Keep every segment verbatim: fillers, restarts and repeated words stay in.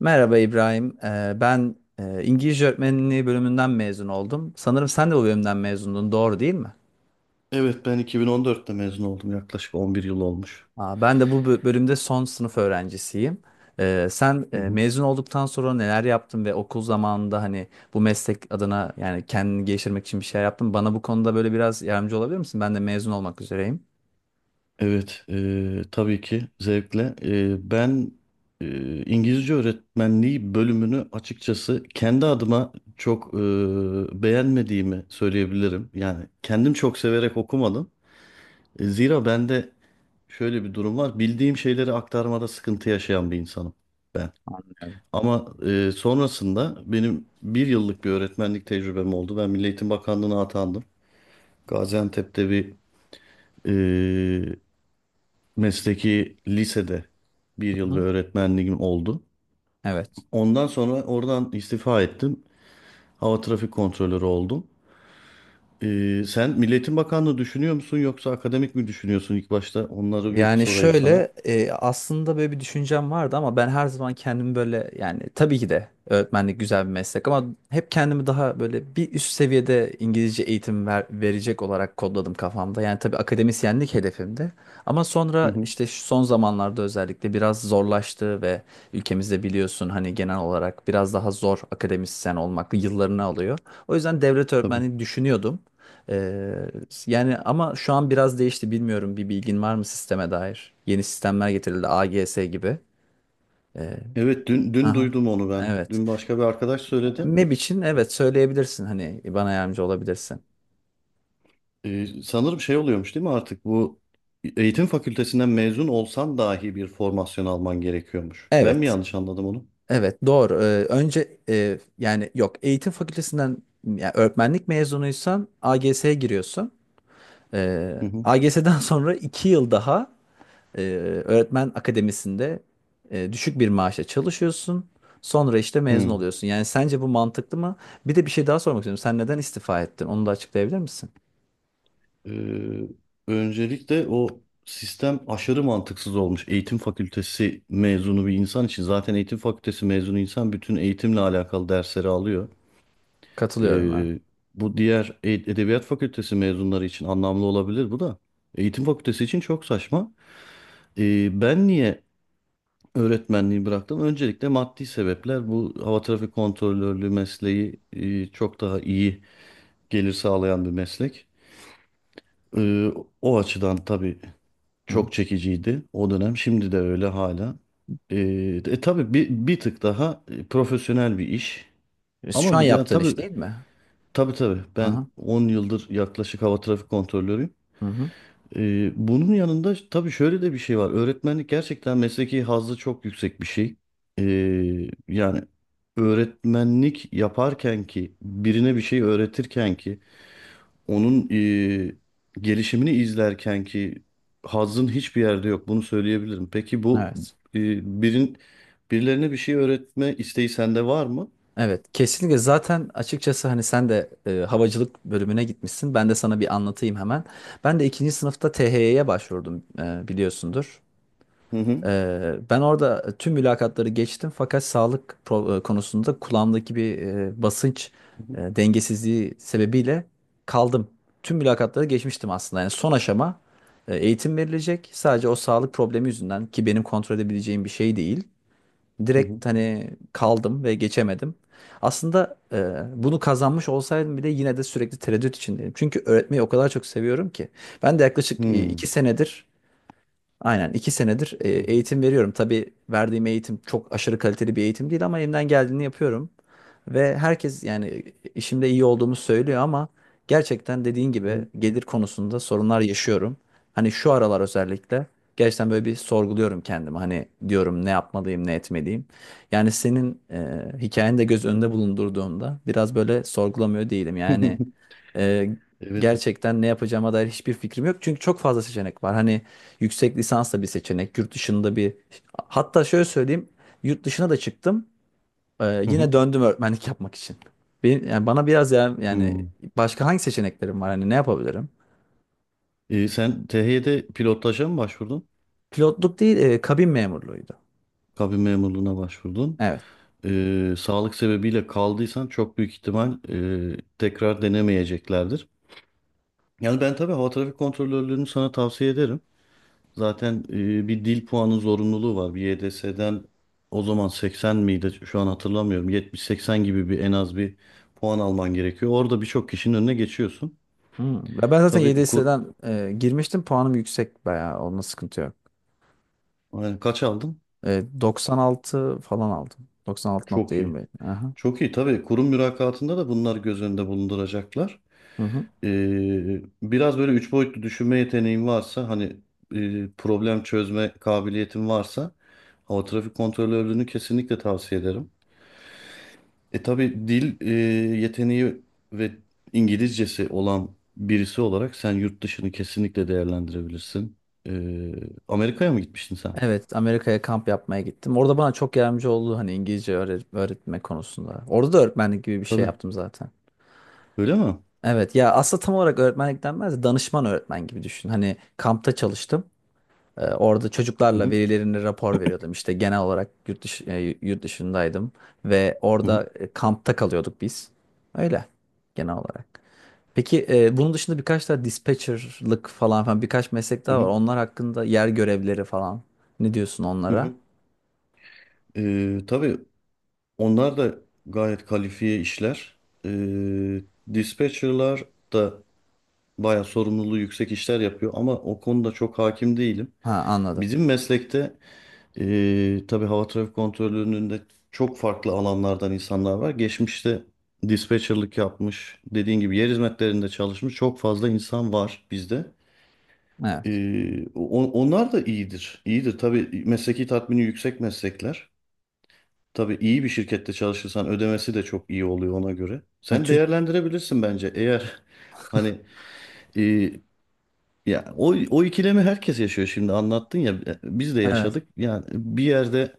Merhaba İbrahim. Ee, ben e, İngilizce öğretmenliği bölümünden mezun oldum. Sanırım sen de bu bölümden mezundun, doğru değil mi? Evet ben iki bin on dörtte mezun oldum. Yaklaşık on bir yıl olmuş. Aa, ben de bu bö- bölümde son sınıf öğrencisiyim. Ee, sen e, Hı hı. mezun olduktan sonra neler yaptın ve okul zamanında hani bu meslek adına yani kendini geliştirmek için bir şey yaptın. mı? Bana bu konuda böyle biraz yardımcı olabilir misin? Ben de mezun olmak üzereyim. Evet, e, tabii ki zevkle. E, ben e, İngilizce öğretmenliği bölümünü açıkçası kendi adıma çok e, beğenmediğimi söyleyebilirim. Yani kendim çok severek okumadım. E, zira bende şöyle bir durum var. Bildiğim şeyleri aktarmada sıkıntı yaşayan bir insanım ben. Yani. Ama e, sonrasında benim bir yıllık bir öğretmenlik tecrübem oldu. Ben Milli Eğitim Bakanlığı'na atandım. Gaziantep'te bir e, mesleki lisede bir Hı yıl bir hı. öğretmenliğim oldu. Evet. Ondan sonra oradan istifa ettim. Hava trafik kontrolörü oldum. E, sen Milli Eğitim Bakanlığı düşünüyor musun yoksa akademik mi düşünüyorsun ilk başta? Onları bir Yani sorayım sana. şöyle e, aslında böyle bir düşüncem vardı ama ben her zaman kendimi böyle yani tabii ki de öğretmenlik güzel bir meslek ama hep kendimi daha böyle bir üst seviyede İngilizce eğitim ver- verecek olarak kodladım kafamda. Yani tabii akademisyenlik hedefimdi ama Hı sonra hı, işte şu son zamanlarda özellikle biraz zorlaştı ve ülkemizde biliyorsun hani genel olarak biraz daha zor, akademisyen olmak yıllarını alıyor. O yüzden devlet tabii. öğretmenliği düşünüyordum. Ee, yani ama şu an biraz değişti, bilmiyorum, bir bilgin var mı sisteme dair? Yeni sistemler getirildi, A G S gibi. Ee, Evet, dün, dün aha, duydum onu ben. evet. Dün başka bir arkadaş söyledi. MEB için evet söyleyebilirsin, hani bana yardımcı olabilirsin. E, sanırım şey oluyormuş değil mi artık bu eğitim fakültesinden mezun olsan dahi bir formasyon alman gerekiyormuş. Ben mi Evet. yanlış anladım onu? Evet, doğru. Ee, önce e, yani yok, eğitim fakültesinden yani öğretmenlik mezunuysan A G S'ye giriyorsun. Ee, Hı hı. A G S'den sonra iki yıl daha Ee, öğretmen akademisinde e, düşük bir maaşla çalışıyorsun. Sonra işte mezun Hı. oluyorsun. Yani sence bu mantıklı mı? Bir de bir şey daha sormak istiyorum. Sen neden istifa ettin? Onu da açıklayabilir misin? Ee, Öncelikle o sistem aşırı mantıksız olmuş. Eğitim fakültesi mezunu bir insan için zaten eğitim fakültesi mezunu insan bütün eğitimle alakalı dersleri alıyor. Katılıyorum, ha. Ee, Bu diğer e- edebiyat fakültesi mezunları için anlamlı olabilir bu da. Eğitim fakültesi için çok saçma. Ee, ben niye öğretmenliği bıraktım? Öncelikle maddi sebepler. Bu hava trafik kontrolörlüğü mesleği e, çok daha iyi gelir sağlayan bir meslek. Ee, O açıdan tabii Hı. çok çekiciydi o dönem. Şimdi de öyle hala. Ee, e, tabii bir, bir tık daha e, profesyonel bir iş. Şu Ama an bu- ya, yaptığın iş tabii değil mi? tabii tabii ben Aha. on yıldır yaklaşık hava trafik kontrolörüyüm. Hı hı. Ee, bunun yanında tabii şöyle de bir şey var. Öğretmenlik gerçekten mesleki hazzı çok yüksek bir şey. Ee, yani öğretmenlik yaparken ki birine bir şey öğretirken ki onun eee, gelişimini izlerken ki hazzın hiçbir yerde yok. Bunu söyleyebilirim. Peki bu Evet. eee, birin birilerine bir şey öğretme isteği sende var mı? Evet, kesinlikle. Zaten açıkçası hani sen de e, havacılık bölümüne gitmişsin. Ben de sana bir anlatayım hemen. Ben de ikinci sınıfta T H Y'ye başvurdum, e, biliyorsundur. Hı hı. Ee, ben orada tüm mülakatları geçtim, fakat sağlık pro- e, konusunda, kulağımdaki bir e, basınç Hı e, dengesizliği sebebiyle kaldım. Tüm mülakatları geçmiştim aslında. Yani son aşama e, eğitim verilecek. Sadece o sağlık problemi yüzünden, ki benim kontrol edebileceğim bir şey değil. hı. Direkt hani kaldım ve geçemedim. Aslında e, bunu kazanmış olsaydım bile yine de sürekli tereddüt içindeyim. Çünkü öğretmeyi o kadar çok seviyorum ki. Ben de Hı yaklaşık e, hı. iki senedir. Aynen, iki senedir e, Hı hı. eğitim veriyorum. Tabii verdiğim eğitim çok aşırı kaliteli bir eğitim değil ama elimden geldiğini yapıyorum. Ve herkes yani işimde iyi olduğumu söylüyor ama gerçekten dediğin Hı gibi hı. gelir konusunda sorunlar yaşıyorum. Hani şu aralar özellikle gerçekten böyle bir sorguluyorum kendimi. Hani diyorum, ne yapmalıyım, ne etmeliyim. Yani senin e, hikayeni de göz önünde bulundurduğumda biraz böyle sorgulamıyor değilim. Yani ee, Evet. gerçekten ne yapacağıma dair hiçbir fikrim yok. Çünkü çok fazla seçenek var. Hani yüksek lisans da bir seçenek, yurt dışında bir... Hatta şöyle söyleyeyim, yurt dışına da çıktım. Ee, Hı hı. yine döndüm öğretmenlik yapmak için. Benim, yani bana biraz, ya yani Hı. başka hangi seçeneklerim var? Hani ne yapabilirim? Ee, sen T H Y'de pilotaja mı başvurdun? Pilotluk değil, e, kabin memurluğuydu. Kabin memurluğuna başvurdun. Evet. Ee, sağlık sebebiyle kaldıysan çok büyük ihtimal e, tekrar denemeyeceklerdir. Yani ben tabii hava trafik kontrolörlüğünü sana tavsiye ederim. Zaten e, bir dil puanı zorunluluğu var. Bir Y D S'den o zaman seksen miydi? Şu an hatırlamıyorum. yetmiş seksen gibi bir en az bir puan alman gerekiyor. Orada birçok kişinin önüne geçiyorsun. Hmm. Ve Ben zaten Tabii kur Y D S'den e, girmiştim. Puanım yüksek bayağı. Onunla sıkıntı yok. Yani kaç aldın? E, doksan altı falan aldım. Çok iyi. doksan altı nokta yirmi. Aha. Çok iyi. Tabii kurum mülakatında da bunlar göz önünde bulunduracaklar. Hı hı. Ee, biraz böyle üç boyutlu düşünme yeteneğin varsa hani e, problem çözme kabiliyetin varsa hava trafik kontrolörlüğünü kesinlikle tavsiye ederim. E tabii dil e, yeteneği ve İngilizcesi olan birisi olarak sen yurt dışını kesinlikle değerlendirebilirsin. E, Amerika'ya mı gitmiştin sen? Evet, Amerika'ya kamp yapmaya gittim. Orada bana çok yardımcı oldu, hani İngilizce öğre- öğretme konusunda. Orada da öğretmenlik gibi bir şey Tabii. yaptım zaten. Öyle mi? Evet ya, aslında tam olarak öğretmenlik denmez de danışman öğretmen gibi düşün. Hani kampta çalıştım. Ee, orada Hı çocuklarla hı, velilerine rapor veriyordum. İşte genel olarak yurt dışı, e, yurt dışındaydım ve hı hı, orada e, kampta kalıyorduk biz. Öyle, genel olarak. Peki e, bunun dışında birkaç daha dispatcher'lık falan falan, birkaç meslek hı daha var. hı, Onlar hakkında, yer görevleri falan. Ne diyorsun hı onlara? hı. E, tabii onlar da gayet kalifiye işler. E, Dispatcherlar da bayağı sorumluluğu yüksek işler yapıyor ama o konuda çok hakim değilim. Ha, anladım. Bizim meslekte eee tabii hava trafik kontrolünün de çok farklı alanlardan insanlar var. Geçmişte dispatcherlık yapmış, dediğin gibi yer hizmetlerinde çalışmış çok fazla insan var bizde. Evet. Eee, on- onlar da iyidir. İyidir tabii mesleki tatmini yüksek meslekler. Tabii iyi bir şirkette çalışırsan ödemesi de çok iyi oluyor ona göre. Ya, Sen Türk, değerlendirebilirsin bence eğer hani eee ya o, o ikilemi herkes yaşıyor şimdi anlattın ya biz de evet. yaşadık. Yani bir yerde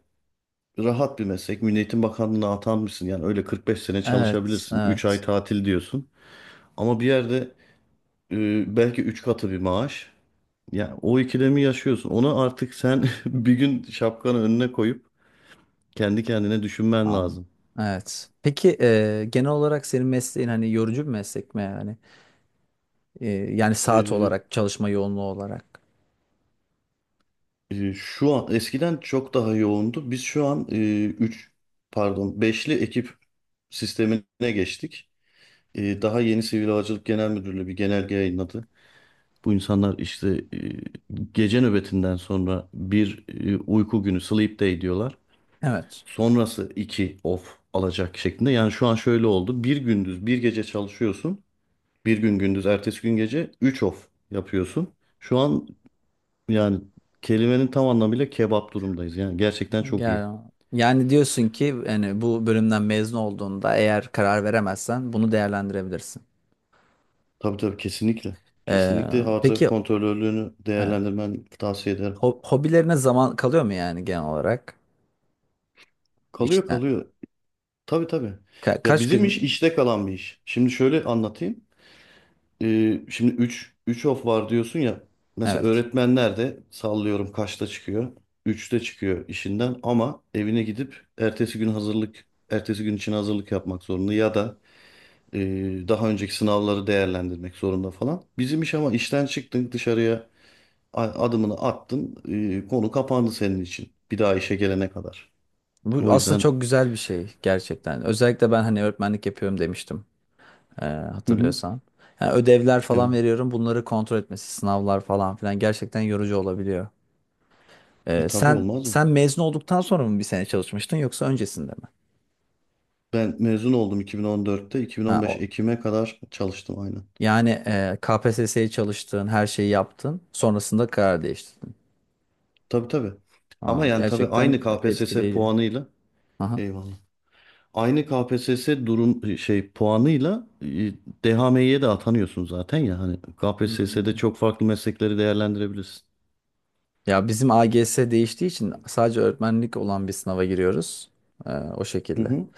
rahat bir meslek. Milli Eğitim Bakanlığı'na atanmışsın. Yani öyle kırk beş sene Evet. çalışabilirsin. Üç ay Evet. tatil diyorsun. Ama bir yerde e, belki üç katı bir maaş. Yani o ikilemi yaşıyorsun. Onu artık sen bir gün şapkanı önüne koyup kendi kendine düşünmen An, lazım. evet. Peki e, genel olarak senin mesleğin hani yorucu bir meslek mi yani? E, yani saat E, olarak, çalışma yoğunluğu olarak. E, şu an eskiden çok daha yoğundu. Biz şu an e, üç pardon beşli ekip sistemine geçtik. E, daha yeni Sivil Havacılık Genel Müdürlüğü bir genelge yayınladı. Bu insanlar işte e, gece nöbetinden sonra bir e, uyku günü sleep day diyorlar. Evet. Sonrası iki off alacak şeklinde. Yani şu an şöyle oldu. Bir gündüz bir gece çalışıyorsun. Bir gün gündüz ertesi gün gece üç off yapıyorsun. Şu an yani kelimenin tam anlamıyla kebap durumdayız. Yani gerçekten çok iyi. Yani, yani diyorsun ki, yani bu bölümden mezun olduğunda eğer karar veremezsen bunu değerlendirebilirsin. Tabii tabii kesinlikle. E, Kesinlikle hava peki trafik kontrolörlüğünü evet. değerlendirmen tavsiye ederim. Ho- hobilerine zaman kalıyor mu, yani genel olarak? Kalıyor İşte kalıyor. Tabii tabii. ka- Ya kaç bizim iş gün. işte kalan bir iş. Şimdi şöyle anlatayım. Ee, şimdi üç üç of var diyorsun ya. Mesela Evet. öğretmenler de sallıyorum kaçta çıkıyor? Üçte çıkıyor işinden ama evine gidip ertesi gün hazırlık ertesi gün için hazırlık yapmak zorunda ya da e, daha önceki sınavları değerlendirmek zorunda falan. Bizim iş ama işten çıktın dışarıya a- adımını attın, e, konu kapandı senin için bir daha işe gelene kadar. Bu O aslında yüzden çok güzel bir şey gerçekten. Özellikle ben hani öğretmenlik yapıyorum demiştim, e, hı hı, hatırlıyorsan. Yani ödevler falan evet, veriyorum, bunları kontrol etmesi, sınavlar falan filan gerçekten yorucu olabiliyor. e, E, tabii sen olmaz mı? sen mezun olduktan sonra mı bir sene çalışmıştın yoksa öncesinde mi? Ben mezun oldum iki bin on dörtte, Ha, iki bin on beş o, Ekim'e kadar çalıştım aynı. yani e, K P S S'ye çalıştın, her şeyi yaptın, sonrasında karar değiştirdin. Tabii tabii. Ama Ha, yani tabii gerçekten aynı K P S S etkileyici. puanıyla Aha. eyvallah. Aynı K P S S durum şey puanıyla e, D H M İ'ye de atanıyorsun zaten ya hani K P S S'de Hmm. çok farklı meslekleri değerlendirebilirsin. Ya, bizim A G S değiştiği için sadece öğretmenlik olan bir sınava giriyoruz. E, o Hı şekilde. hı,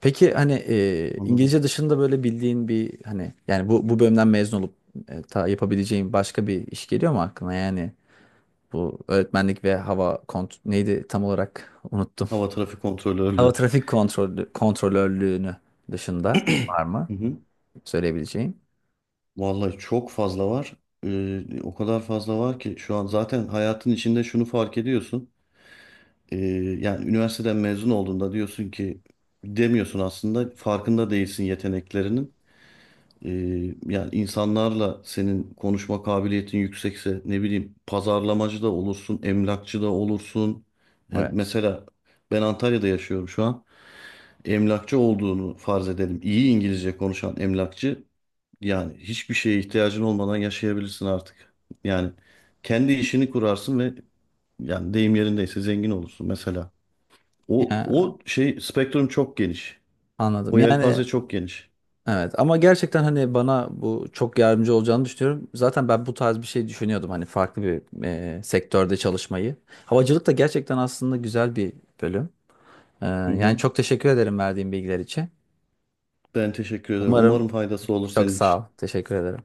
Peki hani e, anladım. İngilizce dışında böyle bildiğin bir, hani yani bu bu bölümden mezun olup, e, ta yapabileceğin başka bir iş geliyor mu aklına? Yani bu öğretmenlik ve hava kont, neydi tam olarak, unuttum. Hava trafik Hava kontrolörlüğü. trafik kontrolü kontrolörlüğünü dışında var mı Hı hı. söyleyebileceğin? Vallahi çok fazla var. Ee, o kadar fazla var ki şu an zaten hayatın içinde şunu fark ediyorsun. Ee, Yani üniversiteden mezun olduğunda diyorsun ki demiyorsun aslında farkında değilsin yeteneklerinin. Ee, Yani insanlarla senin konuşma kabiliyetin yüksekse ne bileyim pazarlamacı da olursun, emlakçı da olursun. Hem Evet. mesela ben Antalya'da yaşıyorum şu an. Emlakçı olduğunu farz edelim. İyi İngilizce konuşan emlakçı yani hiçbir şeye ihtiyacın olmadan yaşayabilirsin artık. Yani kendi işini kurarsın ve yani deyim yerindeyse zengin olursun mesela. O Ya, o şey spektrum çok geniş. anladım. O Yani. yelpaze çok geniş. Evet, ama gerçekten hani bana bu çok yardımcı olacağını düşünüyorum. Zaten ben bu tarz bir şey düşünüyordum, hani farklı bir e, sektörde çalışmayı. Havacılık da gerçekten aslında güzel bir bölüm. E, Hı yani hı. çok teşekkür ederim verdiğin bilgiler için. Ben teşekkür ederim. Umarım Umarım faydası olur Çok senin sağ için. ol. Teşekkür ederim.